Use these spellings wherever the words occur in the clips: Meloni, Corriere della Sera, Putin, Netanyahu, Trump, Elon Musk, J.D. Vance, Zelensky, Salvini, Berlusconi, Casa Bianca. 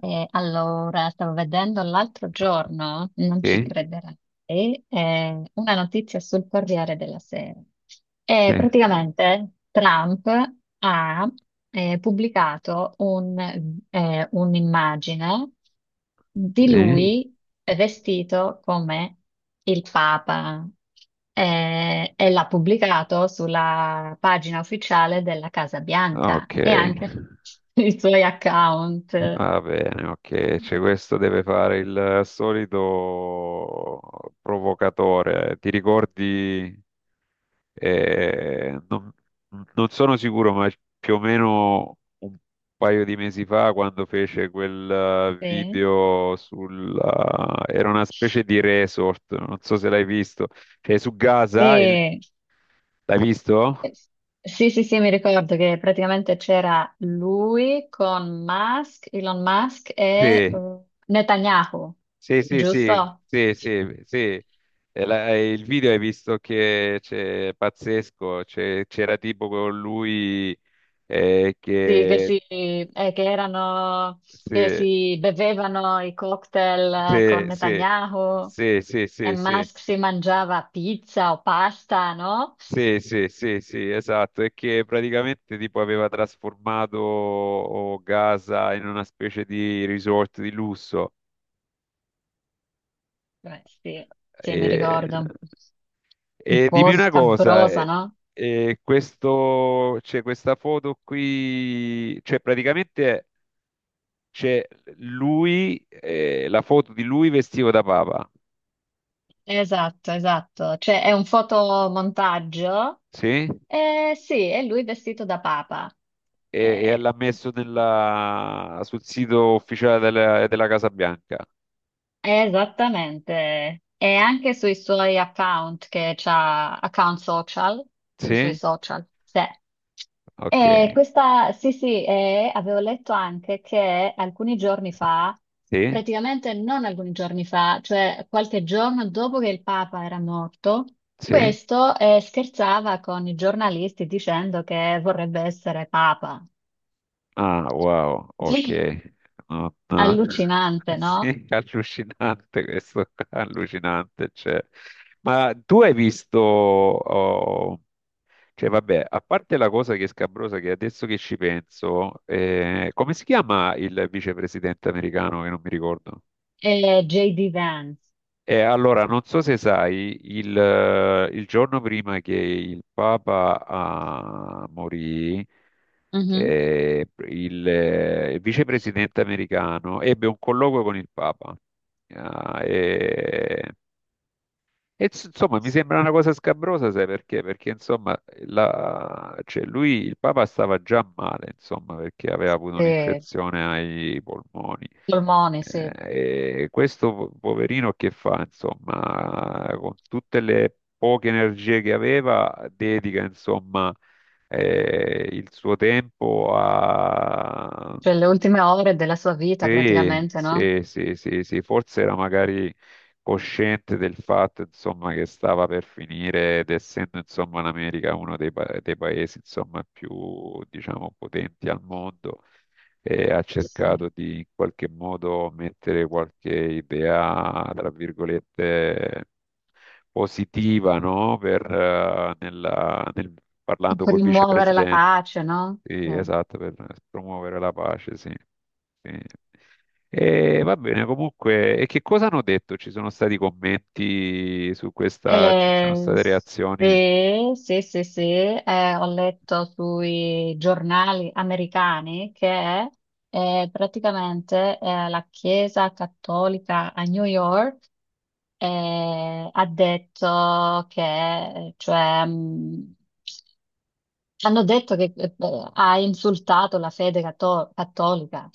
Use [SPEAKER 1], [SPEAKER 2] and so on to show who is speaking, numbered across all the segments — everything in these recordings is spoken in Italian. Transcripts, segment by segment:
[SPEAKER 1] Stavo vedendo l'altro giorno, non ci
[SPEAKER 2] Sì,
[SPEAKER 1] crederai, una notizia sul Corriere della Sera.
[SPEAKER 2] sì,
[SPEAKER 1] E praticamente Trump ha pubblicato un'immagine di
[SPEAKER 2] sì.
[SPEAKER 1] lui vestito come il Papa, e l'ha pubblicato sulla pagina ufficiale della Casa Bianca
[SPEAKER 2] Ok,
[SPEAKER 1] e anche sui suoi account.
[SPEAKER 2] va bene, ok. Cioè, questo deve fare il solito provocatore. Ti ricordi? eh, non, non sono sicuro, ma più o meno un paio di mesi fa, quando fece quel
[SPEAKER 1] Sì.
[SPEAKER 2] video sul. Era una specie di resort, non so se l'hai visto. Cioè, su Gaza,
[SPEAKER 1] E-
[SPEAKER 2] l'hai visto?
[SPEAKER 1] eh, Sì, sì, sì, mi ricordo che praticamente c'era lui con Musk, Elon Musk e
[SPEAKER 2] Sì.
[SPEAKER 1] Netanyahu,
[SPEAKER 2] Sì, sì, sì,
[SPEAKER 1] giusto?
[SPEAKER 2] sì, sì, sì. E il video hai visto che c'è pazzesco, c'era tipo con lui,
[SPEAKER 1] Sì, che,
[SPEAKER 2] che
[SPEAKER 1] si, che erano, che
[SPEAKER 2] sì,
[SPEAKER 1] si bevevano i cocktail
[SPEAKER 2] sì,
[SPEAKER 1] con
[SPEAKER 2] sì,
[SPEAKER 1] Netanyahu
[SPEAKER 2] sì, sì,
[SPEAKER 1] e
[SPEAKER 2] sì, sì,
[SPEAKER 1] Musk si mangiava pizza o pasta, no?
[SPEAKER 2] sì, sì, sì, sì, esatto, e che praticamente tipo aveva trasformato, oh, Gaza in una specie di resort di lusso.
[SPEAKER 1] Beh, sì, sì, mi
[SPEAKER 2] E
[SPEAKER 1] ricordo. Un
[SPEAKER 2] E
[SPEAKER 1] po'
[SPEAKER 2] dimmi una cosa,
[SPEAKER 1] scabrosa, no?
[SPEAKER 2] questo, c'è questa foto qui, cioè praticamente c'è lui, la foto di lui vestito da Papa,
[SPEAKER 1] Esatto, esatto. Cioè è un fotomontaggio.
[SPEAKER 2] sì?
[SPEAKER 1] Sì, è lui vestito da papa.
[SPEAKER 2] E
[SPEAKER 1] Eh,
[SPEAKER 2] l'ha messo sul sito ufficiale della Casa Bianca,
[SPEAKER 1] Esattamente. E anche sui suoi account che c'ha, account social, sui suoi
[SPEAKER 2] sì?
[SPEAKER 1] social. Sì.
[SPEAKER 2] Ok,
[SPEAKER 1] E questa, sì, sì, e avevo letto anche che alcuni giorni fa,
[SPEAKER 2] sì,
[SPEAKER 1] praticamente non alcuni giorni fa, cioè qualche giorno dopo che il Papa era morto,
[SPEAKER 2] sì.
[SPEAKER 1] questo scherzava con i giornalisti dicendo che vorrebbe essere Papa.
[SPEAKER 2] Ah, wow, ok. Non-
[SPEAKER 1] Allucinante, no?
[SPEAKER 2] Sì, allucinante questo, allucinante. Cioè. Ma tu hai visto, oh, cioè vabbè, a parte la cosa che è scabrosa, che adesso che ci penso, come si chiama il vicepresidente americano che non mi ricordo?
[SPEAKER 1] E J.D. Vance.
[SPEAKER 2] E allora, non so se sai, il giorno prima che il Papa morì,
[SPEAKER 1] Mhm.
[SPEAKER 2] il vicepresidente americano ebbe un colloquio con il Papa. Ah, insomma, mi sembra una cosa scabrosa, sai perché? Perché insomma, cioè, lui, il Papa stava già male, insomma, perché aveva avuto
[SPEAKER 1] Sì.
[SPEAKER 2] un'infezione ai polmoni.
[SPEAKER 1] Polmoni, sì,
[SPEAKER 2] Eh, E questo poverino che fa, insomma, con tutte le poche energie che aveva, dedica, insomma, il suo tempo a.
[SPEAKER 1] cioè le ultime ore della sua vita
[SPEAKER 2] Sì,
[SPEAKER 1] praticamente, no?
[SPEAKER 2] sì, sì, sì, sì, forse era magari cosciente del fatto, insomma, che stava per finire ed essendo, insomma, l'America uno dei paesi, insomma, più, diciamo, potenti al mondo e ha
[SPEAKER 1] Sì.
[SPEAKER 2] cercato di in qualche modo mettere qualche idea, tra virgolette, positiva, no? Parlando
[SPEAKER 1] Per
[SPEAKER 2] col
[SPEAKER 1] rimuovere la
[SPEAKER 2] vicepresidente.
[SPEAKER 1] pace, no?
[SPEAKER 2] Sì,
[SPEAKER 1] Sì.
[SPEAKER 2] esatto, per promuovere la pace, sì. Sì. E va bene, comunque, e che cosa hanno detto? Ci sono stati commenti su questa, ci sono state reazioni?
[SPEAKER 1] Sì, sì, sì, sì. Ho letto sui giornali americani che praticamente la Chiesa Cattolica a New York ha detto che, cioè, hanno detto che ha insultato la fede cattolica.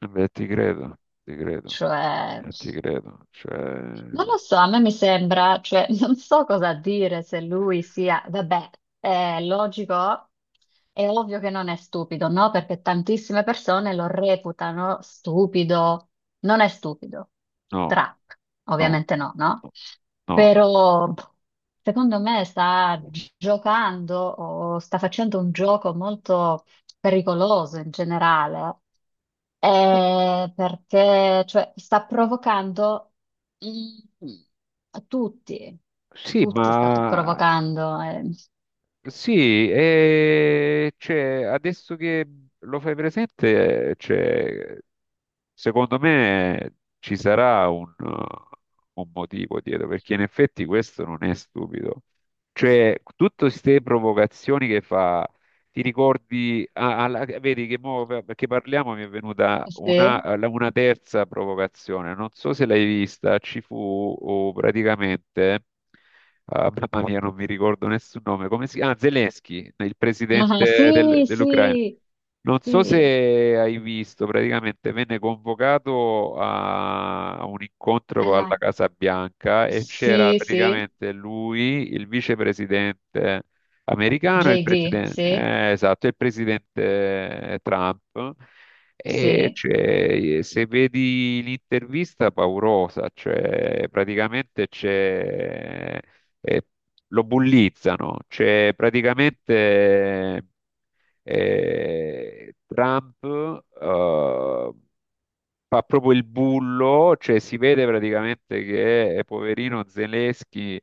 [SPEAKER 2] Beh, ti credo, ti credo,
[SPEAKER 1] Cioè,
[SPEAKER 2] ti credo, cioè,
[SPEAKER 1] non lo so, a me mi sembra, cioè, non so cosa dire se lui sia, vabbè, è logico, è ovvio che non è stupido, no? Perché tantissime persone lo reputano stupido, non è stupido.
[SPEAKER 2] no,
[SPEAKER 1] Trump,
[SPEAKER 2] no,
[SPEAKER 1] ovviamente no, no?
[SPEAKER 2] no.
[SPEAKER 1] Però pff, secondo me giocando o sta facendo un gioco molto pericoloso in generale. Perché cioè, sta provocando i- a tutti,
[SPEAKER 2] Sì,
[SPEAKER 1] tutti sta
[SPEAKER 2] ma
[SPEAKER 1] provocando.
[SPEAKER 2] sì, e adesso che lo fai presente, c'è Secondo me ci sarà un motivo dietro, perché in effetti questo non è stupido. Cioè, tutte queste provocazioni che fa, ti ricordi, ah, vedi che mo, perché parliamo mi è venuta una,
[SPEAKER 1] Sì.
[SPEAKER 2] la- una terza provocazione, non so se l'hai vista, ci fu oh, praticamente, ah, mamma mia, non mi ricordo nessun nome, come si chiama? Ah, Zelensky, il
[SPEAKER 1] Ah,
[SPEAKER 2] presidente del-
[SPEAKER 1] sì,
[SPEAKER 2] dell'Ucraina.
[SPEAKER 1] sì,
[SPEAKER 2] Non so se
[SPEAKER 1] sì,
[SPEAKER 2] hai visto, praticamente venne convocato a un
[SPEAKER 1] È
[SPEAKER 2] incontro
[SPEAKER 1] la-
[SPEAKER 2] alla Casa Bianca e c'era
[SPEAKER 1] sì, sì,
[SPEAKER 2] praticamente lui, il vicepresidente americano, e il
[SPEAKER 1] JD,
[SPEAKER 2] presidente,
[SPEAKER 1] sì,
[SPEAKER 2] esatto, e il presidente Trump. E
[SPEAKER 1] sì.
[SPEAKER 2] se vedi l'intervista paurosa, cioè praticamente c'è, eh, lo bullizzano, cioè praticamente Trump eh, fa proprio il bullo, cioè si vede praticamente che poverino Zelensky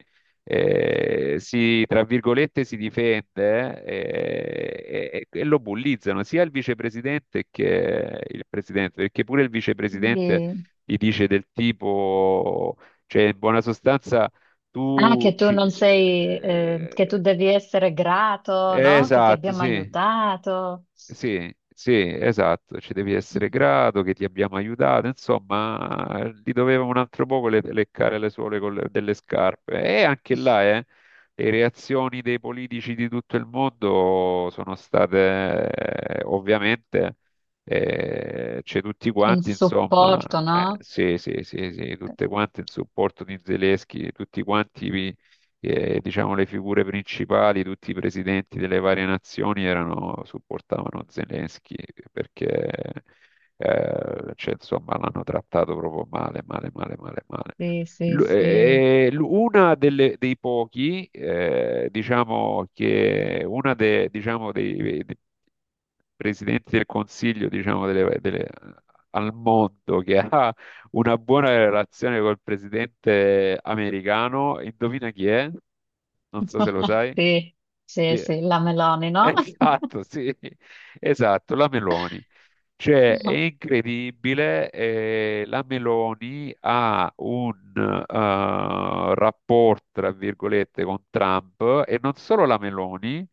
[SPEAKER 2] si, tra virgolette, si difende, e lo bullizzano sia il vicepresidente che il presidente, perché pure il vicepresidente
[SPEAKER 1] Sì.
[SPEAKER 2] gli dice del tipo, cioè in buona sostanza
[SPEAKER 1] Ah,
[SPEAKER 2] tu
[SPEAKER 1] che tu
[SPEAKER 2] ci,
[SPEAKER 1] non sei, che tu devi essere grato, no? Che ti
[SPEAKER 2] esatto,
[SPEAKER 1] abbiamo
[SPEAKER 2] sì.
[SPEAKER 1] aiutato
[SPEAKER 2] Sì, sì, esatto, ci devi essere grato che ti abbiamo aiutato, insomma, gli doveva un altro poco leccare le suole con delle scarpe. E anche là, le reazioni dei politici di tutto il mondo sono state, ovviamente, c'è tutti
[SPEAKER 1] in
[SPEAKER 2] quanti, insomma,
[SPEAKER 1] supporto, no?
[SPEAKER 2] sì, sì, sì, sì, tutte quanti in supporto di Zelensky, tutti quanti e, diciamo le figure principali, tutti i presidenti delle varie nazioni erano, supportavano Zelensky perché cioè, insomma, l'hanno trattato proprio male, male, male, male, male.
[SPEAKER 1] Sì, sì, sì.
[SPEAKER 2] Una dei pochi, diciamo che diciamo, dei presidenti del Consiglio, diciamo, al mondo che ha una buona relazione col presidente americano. Indovina chi è? Non so se lo sai.
[SPEAKER 1] Sì, sì,
[SPEAKER 2] Chi è?
[SPEAKER 1] sì, la Meloni, no?
[SPEAKER 2] Esatto, sì, esatto, la Meloni. Cioè, è incredibile, la Meloni ha un rapporto, tra virgolette, con Trump, e non solo la Meloni,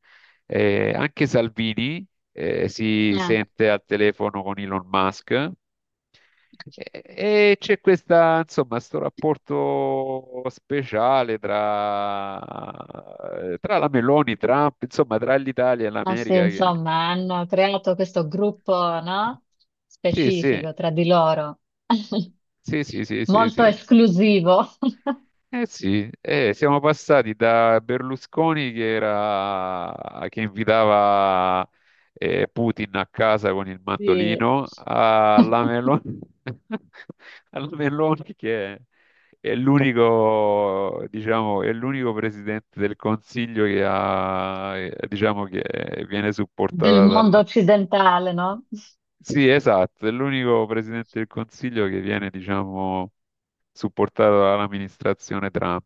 [SPEAKER 2] anche Salvini si
[SPEAKER 1] Eh,
[SPEAKER 2] sente al telefono con Elon Musk, e c'è questa, insomma, sto rapporto speciale tra la Meloni, Trump, insomma, tra l'Italia e
[SPEAKER 1] ma sì,
[SPEAKER 2] l'America.
[SPEAKER 1] insomma, hanno creato questo gruppo, no?
[SPEAKER 2] Sì, sì,
[SPEAKER 1] Specifico tra di loro,
[SPEAKER 2] sì, sì, sì, sì,
[SPEAKER 1] molto
[SPEAKER 2] sì.
[SPEAKER 1] esclusivo,
[SPEAKER 2] Eh sì, siamo passati da Berlusconi che invitava Putin a casa con il
[SPEAKER 1] di-
[SPEAKER 2] mandolino alla Meloni, alla Meloni che è l'unico, diciamo, è l'unico presidente del Consiglio che ha, diciamo, che viene
[SPEAKER 1] del
[SPEAKER 2] supportata
[SPEAKER 1] mondo
[SPEAKER 2] dalla.
[SPEAKER 1] occidentale, no?
[SPEAKER 2] Sì, esatto, è l'unico presidente del Consiglio che viene, diciamo, supportato dall'amministrazione Trump.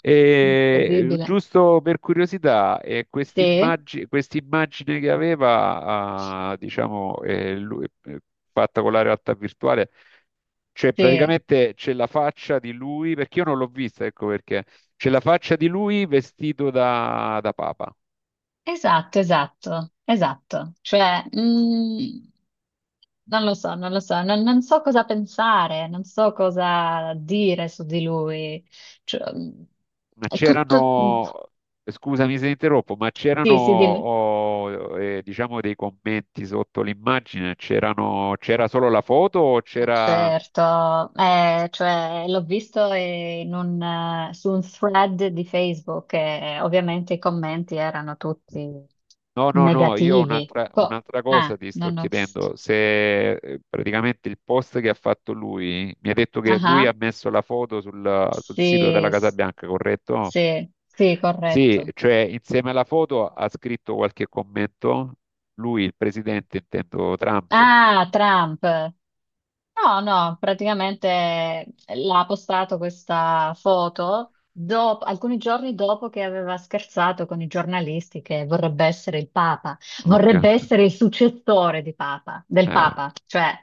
[SPEAKER 2] E
[SPEAKER 1] Incredibile.
[SPEAKER 2] giusto per curiosità,
[SPEAKER 1] Sì,
[SPEAKER 2] quest'immagine che aveva, ah, diciamo, fatta con la realtà virtuale, cioè
[SPEAKER 1] sì,
[SPEAKER 2] praticamente c'è la faccia di lui, perché io non l'ho vista, ecco perché, c'è la faccia di lui vestito da Papa,
[SPEAKER 1] esatto, esatto, esatto. Cioè, non lo so, non lo so, non, non so cosa pensare, non so cosa dire su di lui. Cioè,
[SPEAKER 2] ma
[SPEAKER 1] è tutto...
[SPEAKER 2] c'erano, scusami se interrompo, ma c'erano,
[SPEAKER 1] Sì, sì, dimmi.
[SPEAKER 2] oh, diciamo, dei commenti sotto l'immagine, c'erano, c'era solo la foto o c'era?
[SPEAKER 1] Certo, cioè, l'ho visto in un, su un thread di Facebook e ovviamente i commenti erano tutti
[SPEAKER 2] No, no, no, io
[SPEAKER 1] negativi.
[SPEAKER 2] un'altra un'altra cosa ti sto
[SPEAKER 1] Non ho...
[SPEAKER 2] chiedendo, se praticamente il post che ha fatto lui, mi ha detto che lui ha
[SPEAKER 1] Ah,
[SPEAKER 2] messo la foto sul sito
[SPEAKER 1] sì,
[SPEAKER 2] della Casa Bianca, corretto?
[SPEAKER 1] sì, sì,
[SPEAKER 2] Sì,
[SPEAKER 1] corretto.
[SPEAKER 2] cioè insieme alla foto ha scritto qualche commento, lui, il presidente, intendo Trump.
[SPEAKER 1] Ah, Trump. No, no, praticamente l'ha postato questa foto alcuni giorni dopo che aveva scherzato con i giornalisti che vorrebbe essere il Papa,
[SPEAKER 2] Ok,
[SPEAKER 1] vorrebbe essere il successore di Papa, del
[SPEAKER 2] eh,
[SPEAKER 1] Papa, cioè.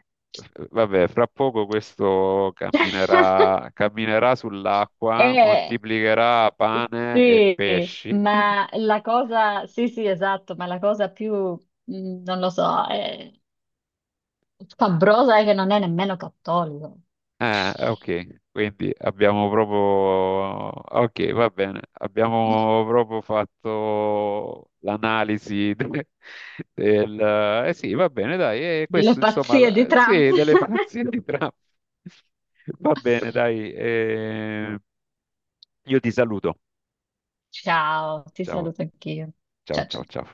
[SPEAKER 2] vabbè, fra poco questo camminerà, camminerà sull'acqua,
[SPEAKER 1] E-
[SPEAKER 2] moltiplicherà pane e
[SPEAKER 1] sì,
[SPEAKER 2] pesci.
[SPEAKER 1] ma la cosa, sì, sì, esatto, ma la cosa più, non lo so, è scabrosa è che non è nemmeno cattolico.
[SPEAKER 2] Ah, ok, quindi abbiamo proprio. Ok, va bene, abbiamo proprio fatto l'analisi del. Eh sì, va bene, dai, e
[SPEAKER 1] Delle
[SPEAKER 2] questo insomma,
[SPEAKER 1] pazzie di Trump.
[SPEAKER 2] sì, delle fazioni tra. Va bene, dai, io ti saluto.
[SPEAKER 1] Ciao, ti
[SPEAKER 2] Ciao,
[SPEAKER 1] saluto anch'io.
[SPEAKER 2] ciao,
[SPEAKER 1] Ciao
[SPEAKER 2] ciao,
[SPEAKER 1] ciao.
[SPEAKER 2] ciao.